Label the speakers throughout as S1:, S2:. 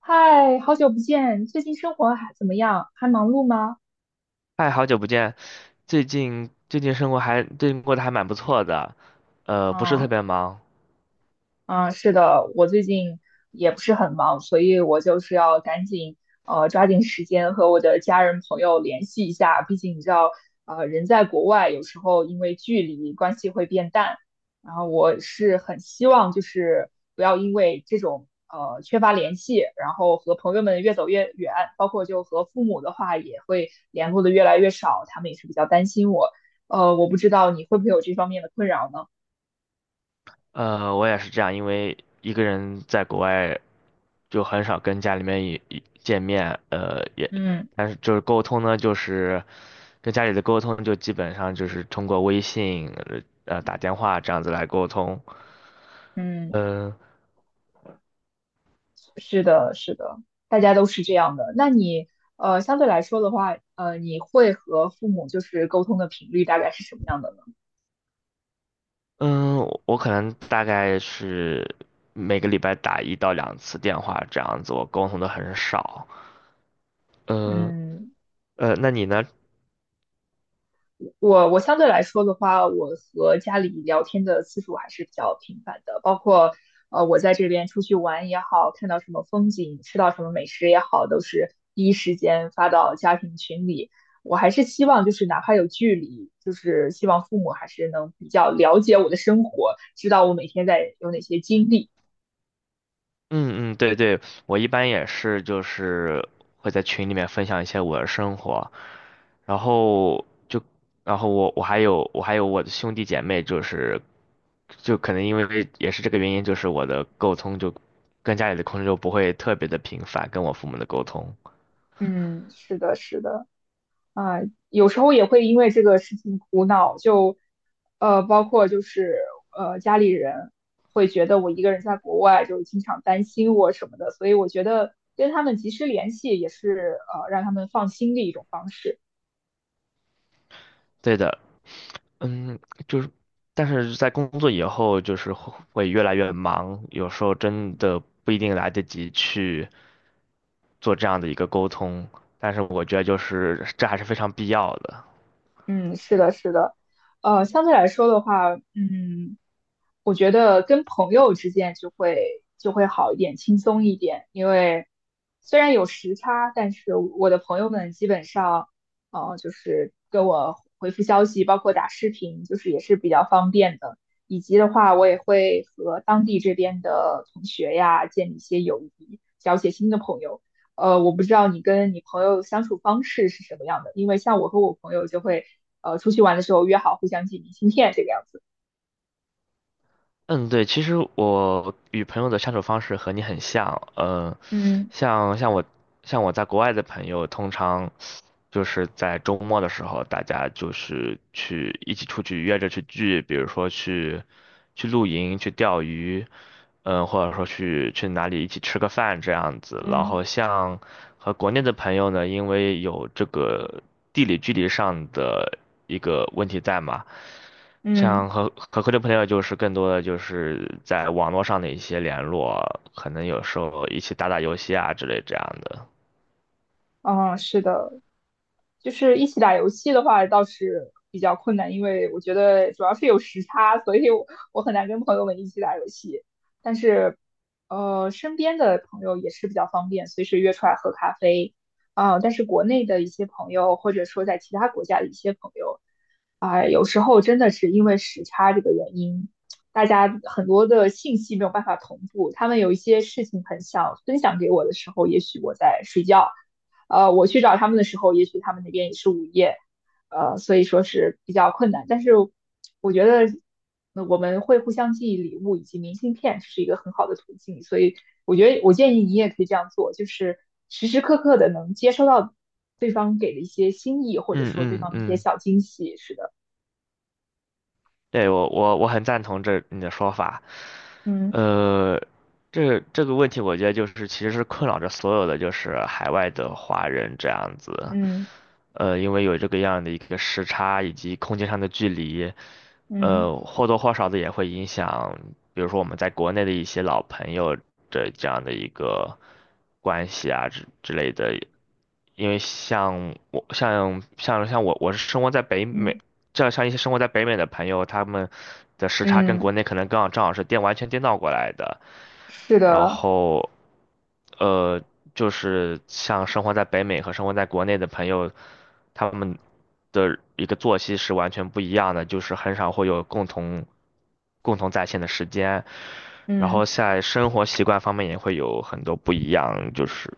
S1: 嗨，好久不见，最近生活还怎么样？还忙碌吗？
S2: 嗨，好久不见，最近过得还蛮不错的，不是特
S1: 嗯。
S2: 别忙。
S1: 嗯，是的，我最近也不是很忙，所以我就是要赶紧抓紧时间和我的家人朋友联系一下，毕竟你知道，人在国外有时候因为距离关系会变淡，然后我是很希望就是不要因为这种缺乏联系，然后和朋友们越走越远，包括就和父母的话也会联络的越来越少，他们也是比较担心我，我不知道你会不会有这方面的困扰呢？
S2: 我也是这样，因为一个人在国外就很少跟家里面见面，
S1: 嗯
S2: 但是就是沟通呢，就是跟家里的沟通就基本上就是通过微信，打电话这样子来沟通。
S1: 嗯。
S2: 嗯。
S1: 是的，是的，大家都是这样的。那你相对来说的话，你会和父母就是沟通的频率大概是什么样的呢？
S2: 嗯，我可能大概是每个礼拜打一到两次电话这样子，我沟通的很少。嗯，
S1: 嗯，
S2: 那你呢？
S1: 我相对来说的话，我和家里聊天的次数还是比较频繁的，包括我在这边出去玩也好，看到什么风景，吃到什么美食也好，都是第一时间发到家庭群里。我还是希望就是哪怕有距离，就是希望父母还是能比较了解我的生活，知道我每天在有哪些经历。
S2: 嗯，对对，我一般也是，就是会在群里面分享一些我的生活，然后就，然后我还有我的兄弟姐妹，就是就可能因为也是这个原因，就是我的沟通就跟家里的沟通就不会特别的频繁，跟我父母的沟通。
S1: 嗯，是的，是的。啊、有时候也会因为这个事情苦恼，就包括就是家里人会觉得我一个人在国外，就经常担心我什么的，所以我觉得跟他们及时联系也是让他们放心的一种方式。
S2: 对的。嗯，就是，但是在工作以后，就是会越来越忙，有时候真的不一定来得及去做这样的一个沟通，但是我觉得就是这还是非常必要的。
S1: 嗯，是的，是的，相对来说的话，嗯，我觉得跟朋友之间就会好一点，轻松一点，因为虽然有时差，但是我的朋友们基本上，就是跟我回复消息，包括打视频，就是也是比较方便的，以及的话，我也会和当地这边的同学呀建立一些友谊，交一些新的朋友。我不知道你跟你朋友相处方式是什么样的，因为像我和我朋友就会，出去玩的时候约好互相寄明信片这个样子。
S2: 嗯，对，其实我与朋友的相处方式和你很像。嗯，
S1: 嗯
S2: 像像我像我在国外的朋友，通常就是在周末的时候，大家就是去一起出去约着去聚，比如说去露营、去钓鱼。嗯，或者说去哪里一起吃个饭这样子。然
S1: 嗯
S2: 后像和国内的朋友呢，因为有这个地理距离上的一个问题在嘛，像
S1: 嗯，
S2: 和国内朋友就是更多的就是在网络上的一些联络，可能有时候一起打打游戏啊之类这样的。
S1: 哦，是的，就是一起打游戏的话倒是比较困难，因为我觉得主要是有时差，所以我很难跟朋友们一起打游戏。但是，身边的朋友也是比较方便，随时约出来喝咖啡啊、但是国内的一些朋友，或者说在其他国家的一些朋友啊、有时候真的是因为时差这个原因，大家很多的信息没有办法同步。他们有一些事情很想分享给我的时候，也许我在睡觉。我去找他们的时候，也许他们那边也是午夜，所以说是比较困难。但是我觉得我们会互相寄礼物以及明信片是一个很好的途径，所以我觉得我建议你也可以这样做，就是时时刻刻的能接收到对方给的一些心意，或者
S2: 嗯
S1: 说对
S2: 嗯
S1: 方的一些
S2: 嗯，
S1: 小惊喜。是的，
S2: 对，我很赞同你的说法。
S1: 嗯
S2: 呃，这个问题我觉得就是其实是困扰着所有的就是海外的华人这样子。
S1: 嗯
S2: 呃，因为有这个样的一个时差以及空间上的距离，
S1: 嗯
S2: 呃，或多或少的也会影响，比如说我们在国内的一些老朋友的这样的一个关系啊之类的。因为像我我是生活在北美，
S1: 嗯
S2: 这样像一些生活在北美的朋友，他们的时差跟
S1: 嗯，
S2: 国内可能刚好正好是完全颠倒过来的。
S1: 是
S2: 然
S1: 的，
S2: 后呃，就是像生活在北美和生活在国内的朋友，他们的一个作息是完全不一样的，就是很少会有共同在线的时间。然
S1: 嗯。
S2: 后在生活习惯方面也会有很多不一样，就是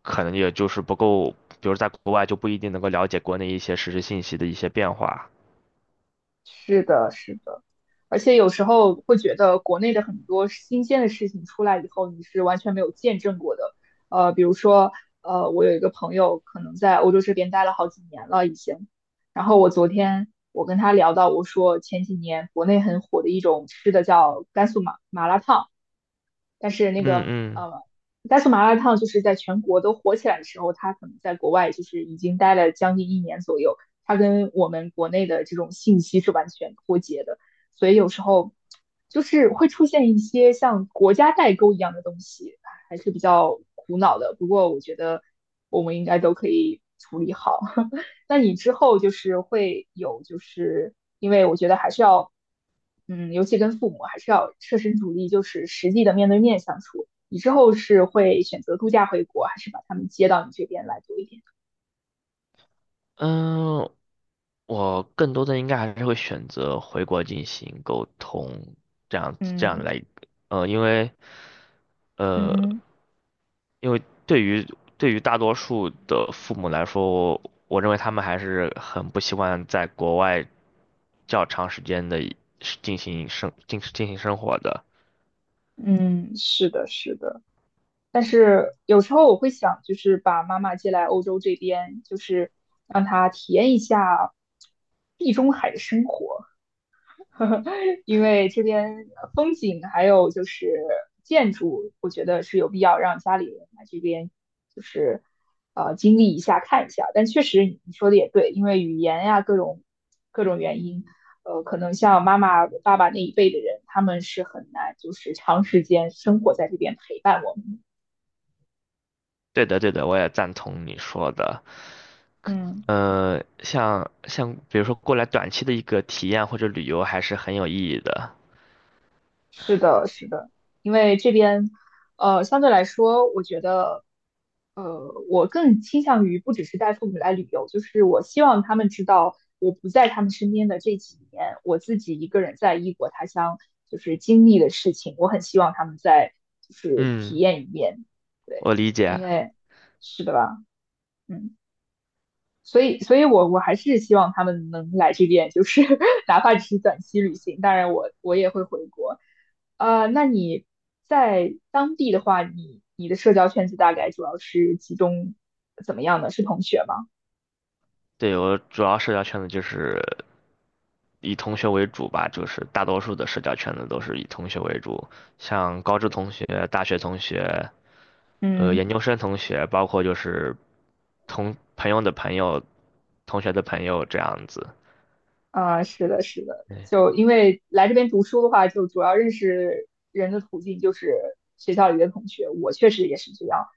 S2: 可能也就是不够，比如在国外就不一定能够了解国内一些实时信息的一些变化。
S1: 是的，是的，而且有时候会觉得国内的很多新鲜的事情出来以后，你是完全没有见证过的。比如说，我有一个朋友可能在欧洲这边待了好几年了已经，然后我昨天我跟他聊到，我说前几年国内很火的一种吃的叫甘肃麻麻辣烫。但是那
S2: 嗯
S1: 个
S2: 嗯。
S1: 甘肃麻辣烫就是在全国都火起来的时候，它可能在国外就是已经待了将近一年左右，它跟我们国内的这种信息是完全脱节的，所以有时候就是会出现一些像国家代沟一样的东西，还是比较苦恼的。不过我觉得我们应该都可以处理好。那你之后就是会有，就是因为我觉得还是要，嗯，尤其跟父母还是要设身处地，就是实际的面对面相处。你之后是会选择度假回国，还是把他们接到你这边来多一点？
S2: 嗯，我更多的应该还是会选择回国进行沟通，这样这样
S1: 嗯
S2: 来。呃，因为呃，
S1: 嗯
S2: 因为对于大多数的父母来说，我认为他们还是很不习惯在国外较长时间的进行生活的。
S1: 嗯，是的，是的。但是有时候我会想，就是把妈妈接来欧洲这边，就是让她体验一下地中海的生活。因为这边风景还有就是建筑，我觉得是有必要让家里人来这边，就是经历一下、看一下。但确实你说的也对，因为语言呀各种各种原因，可能像妈妈、爸爸那一辈的人，他们是很难就是长时间生活在这边陪伴我们
S2: 对的，对的，我也赞同你说的。
S1: 的。嗯。
S2: 呃，比如说过来短期的一个体验或者旅游，还是很有意义的。
S1: 是的，是的，因为这边，相对来说，我觉得，我更倾向于不只是带父母来旅游，就是我希望他们知道我不在他们身边的这几年，我自己一个人在异国他乡就是经历的事情，我很希望他们再就是体
S2: 嗯，
S1: 验一遍，对，
S2: 我理解。
S1: 因为是的吧，嗯。所以，所以我还是希望他们能来这边，就是 哪怕只是短期旅行。当然我也会回国。那你在当地的话，你的社交圈子大概主要是集中怎么样呢？是同学吗？
S2: 对，我主要社交圈子就是以同学为主吧，就是大多数的社交圈子都是以同学为主，像高中同学、大学同学、呃
S1: 嗯
S2: 研究生同学，包括就是同朋友的朋友、同学的朋友这样子。
S1: 啊，是的，是的，
S2: 对。
S1: 就因为来这边读书的话，就主要认识人的途径就是学校里的同学，我确实也是这样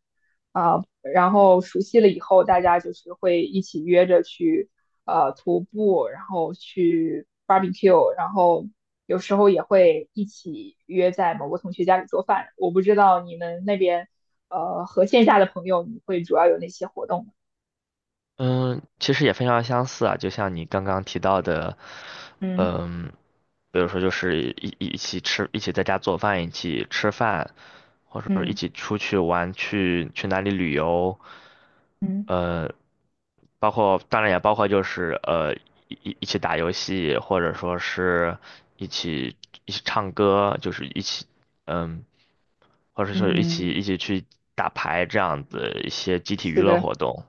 S1: 啊。然后熟悉了以后，大家就是会一起约着去徒步，然后去 barbecue，然后有时候也会一起约在某个同学家里做饭。我不知道你们那边和线下的朋友，你会主要有哪些活动呢
S2: 嗯，其实也非常相似啊，就像你刚刚提到的。
S1: 嗯
S2: 嗯，比如说就是一起吃，一起在家做饭，一起吃饭，或者说一
S1: 嗯
S2: 起出去玩，去哪里旅游。
S1: 嗯。
S2: 呃，包括当然也包括就是呃一起打游戏，或者说是一起一起唱歌，就是一起嗯，或者说
S1: 嗯，
S2: 一起去打牌这样子一些集体娱
S1: 是
S2: 乐
S1: 的。
S2: 活动。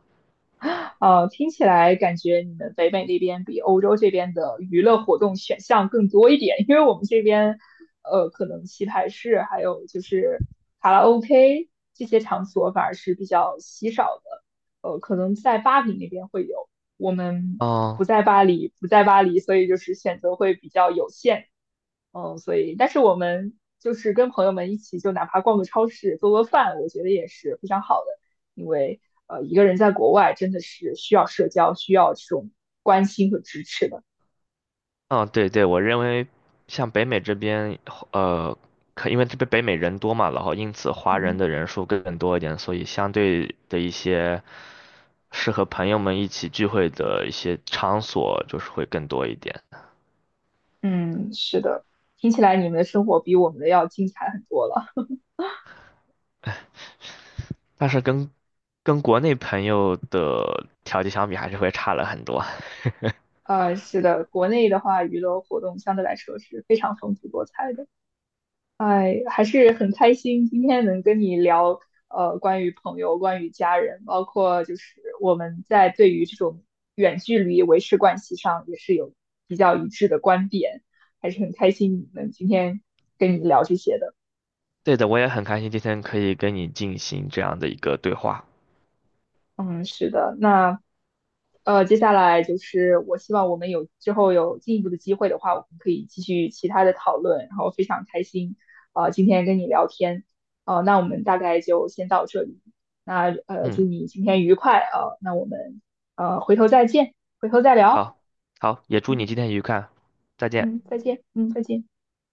S1: 听起来感觉你们北美那边比欧洲这边的娱乐活动选项更多一点，因为我们这边，可能棋牌室还有就是卡拉 OK 这些场所反而是比较稀少的，可能在巴黎那边会有，我们不
S2: 哦。
S1: 在巴黎，不在巴黎，所以就是选择会比较有限。嗯，所以，但是我们就是跟朋友们一起，就哪怕逛个超市、做做饭，我觉得也是非常好的。因为一个人在国外真的是需要社交，需要这种关心和支持的。
S2: 哦，对对，我认为像北美这边，呃，可因为这边北美人多嘛，然后因此华人
S1: 嗯
S2: 的人数更多一点，所以相对的一些适合朋友们一起聚会的一些场所就是会更多一点。
S1: 嗯，是的，听起来你们的生活比我们的要精彩很多了。
S2: 但是跟国内朋友的条件相比，还是会差了很多。
S1: 是的，国内的话，娱乐活动相对来说是非常丰富多彩的。哎，还是很开心今天能跟你聊，关于朋友、关于家人，包括就是我们在对于这种远距离维持关系上也是有比较一致的观点，还是很开心能今天跟你聊这些的。
S2: 对的，我也很开心今天可以跟你进行这样的一个对话。
S1: 嗯，是的，那接下来就是我希望我们有之后有进一步的机会的话，我们可以继续其他的讨论，然后非常开心，今天跟你聊天，那我们大概就先到这里，那祝
S2: 嗯，
S1: 你今天愉快，那我们回头再见，回头再聊，
S2: 好，好，也祝
S1: 嗯
S2: 你今天愉快，再见。
S1: 嗯，再见，嗯，再见。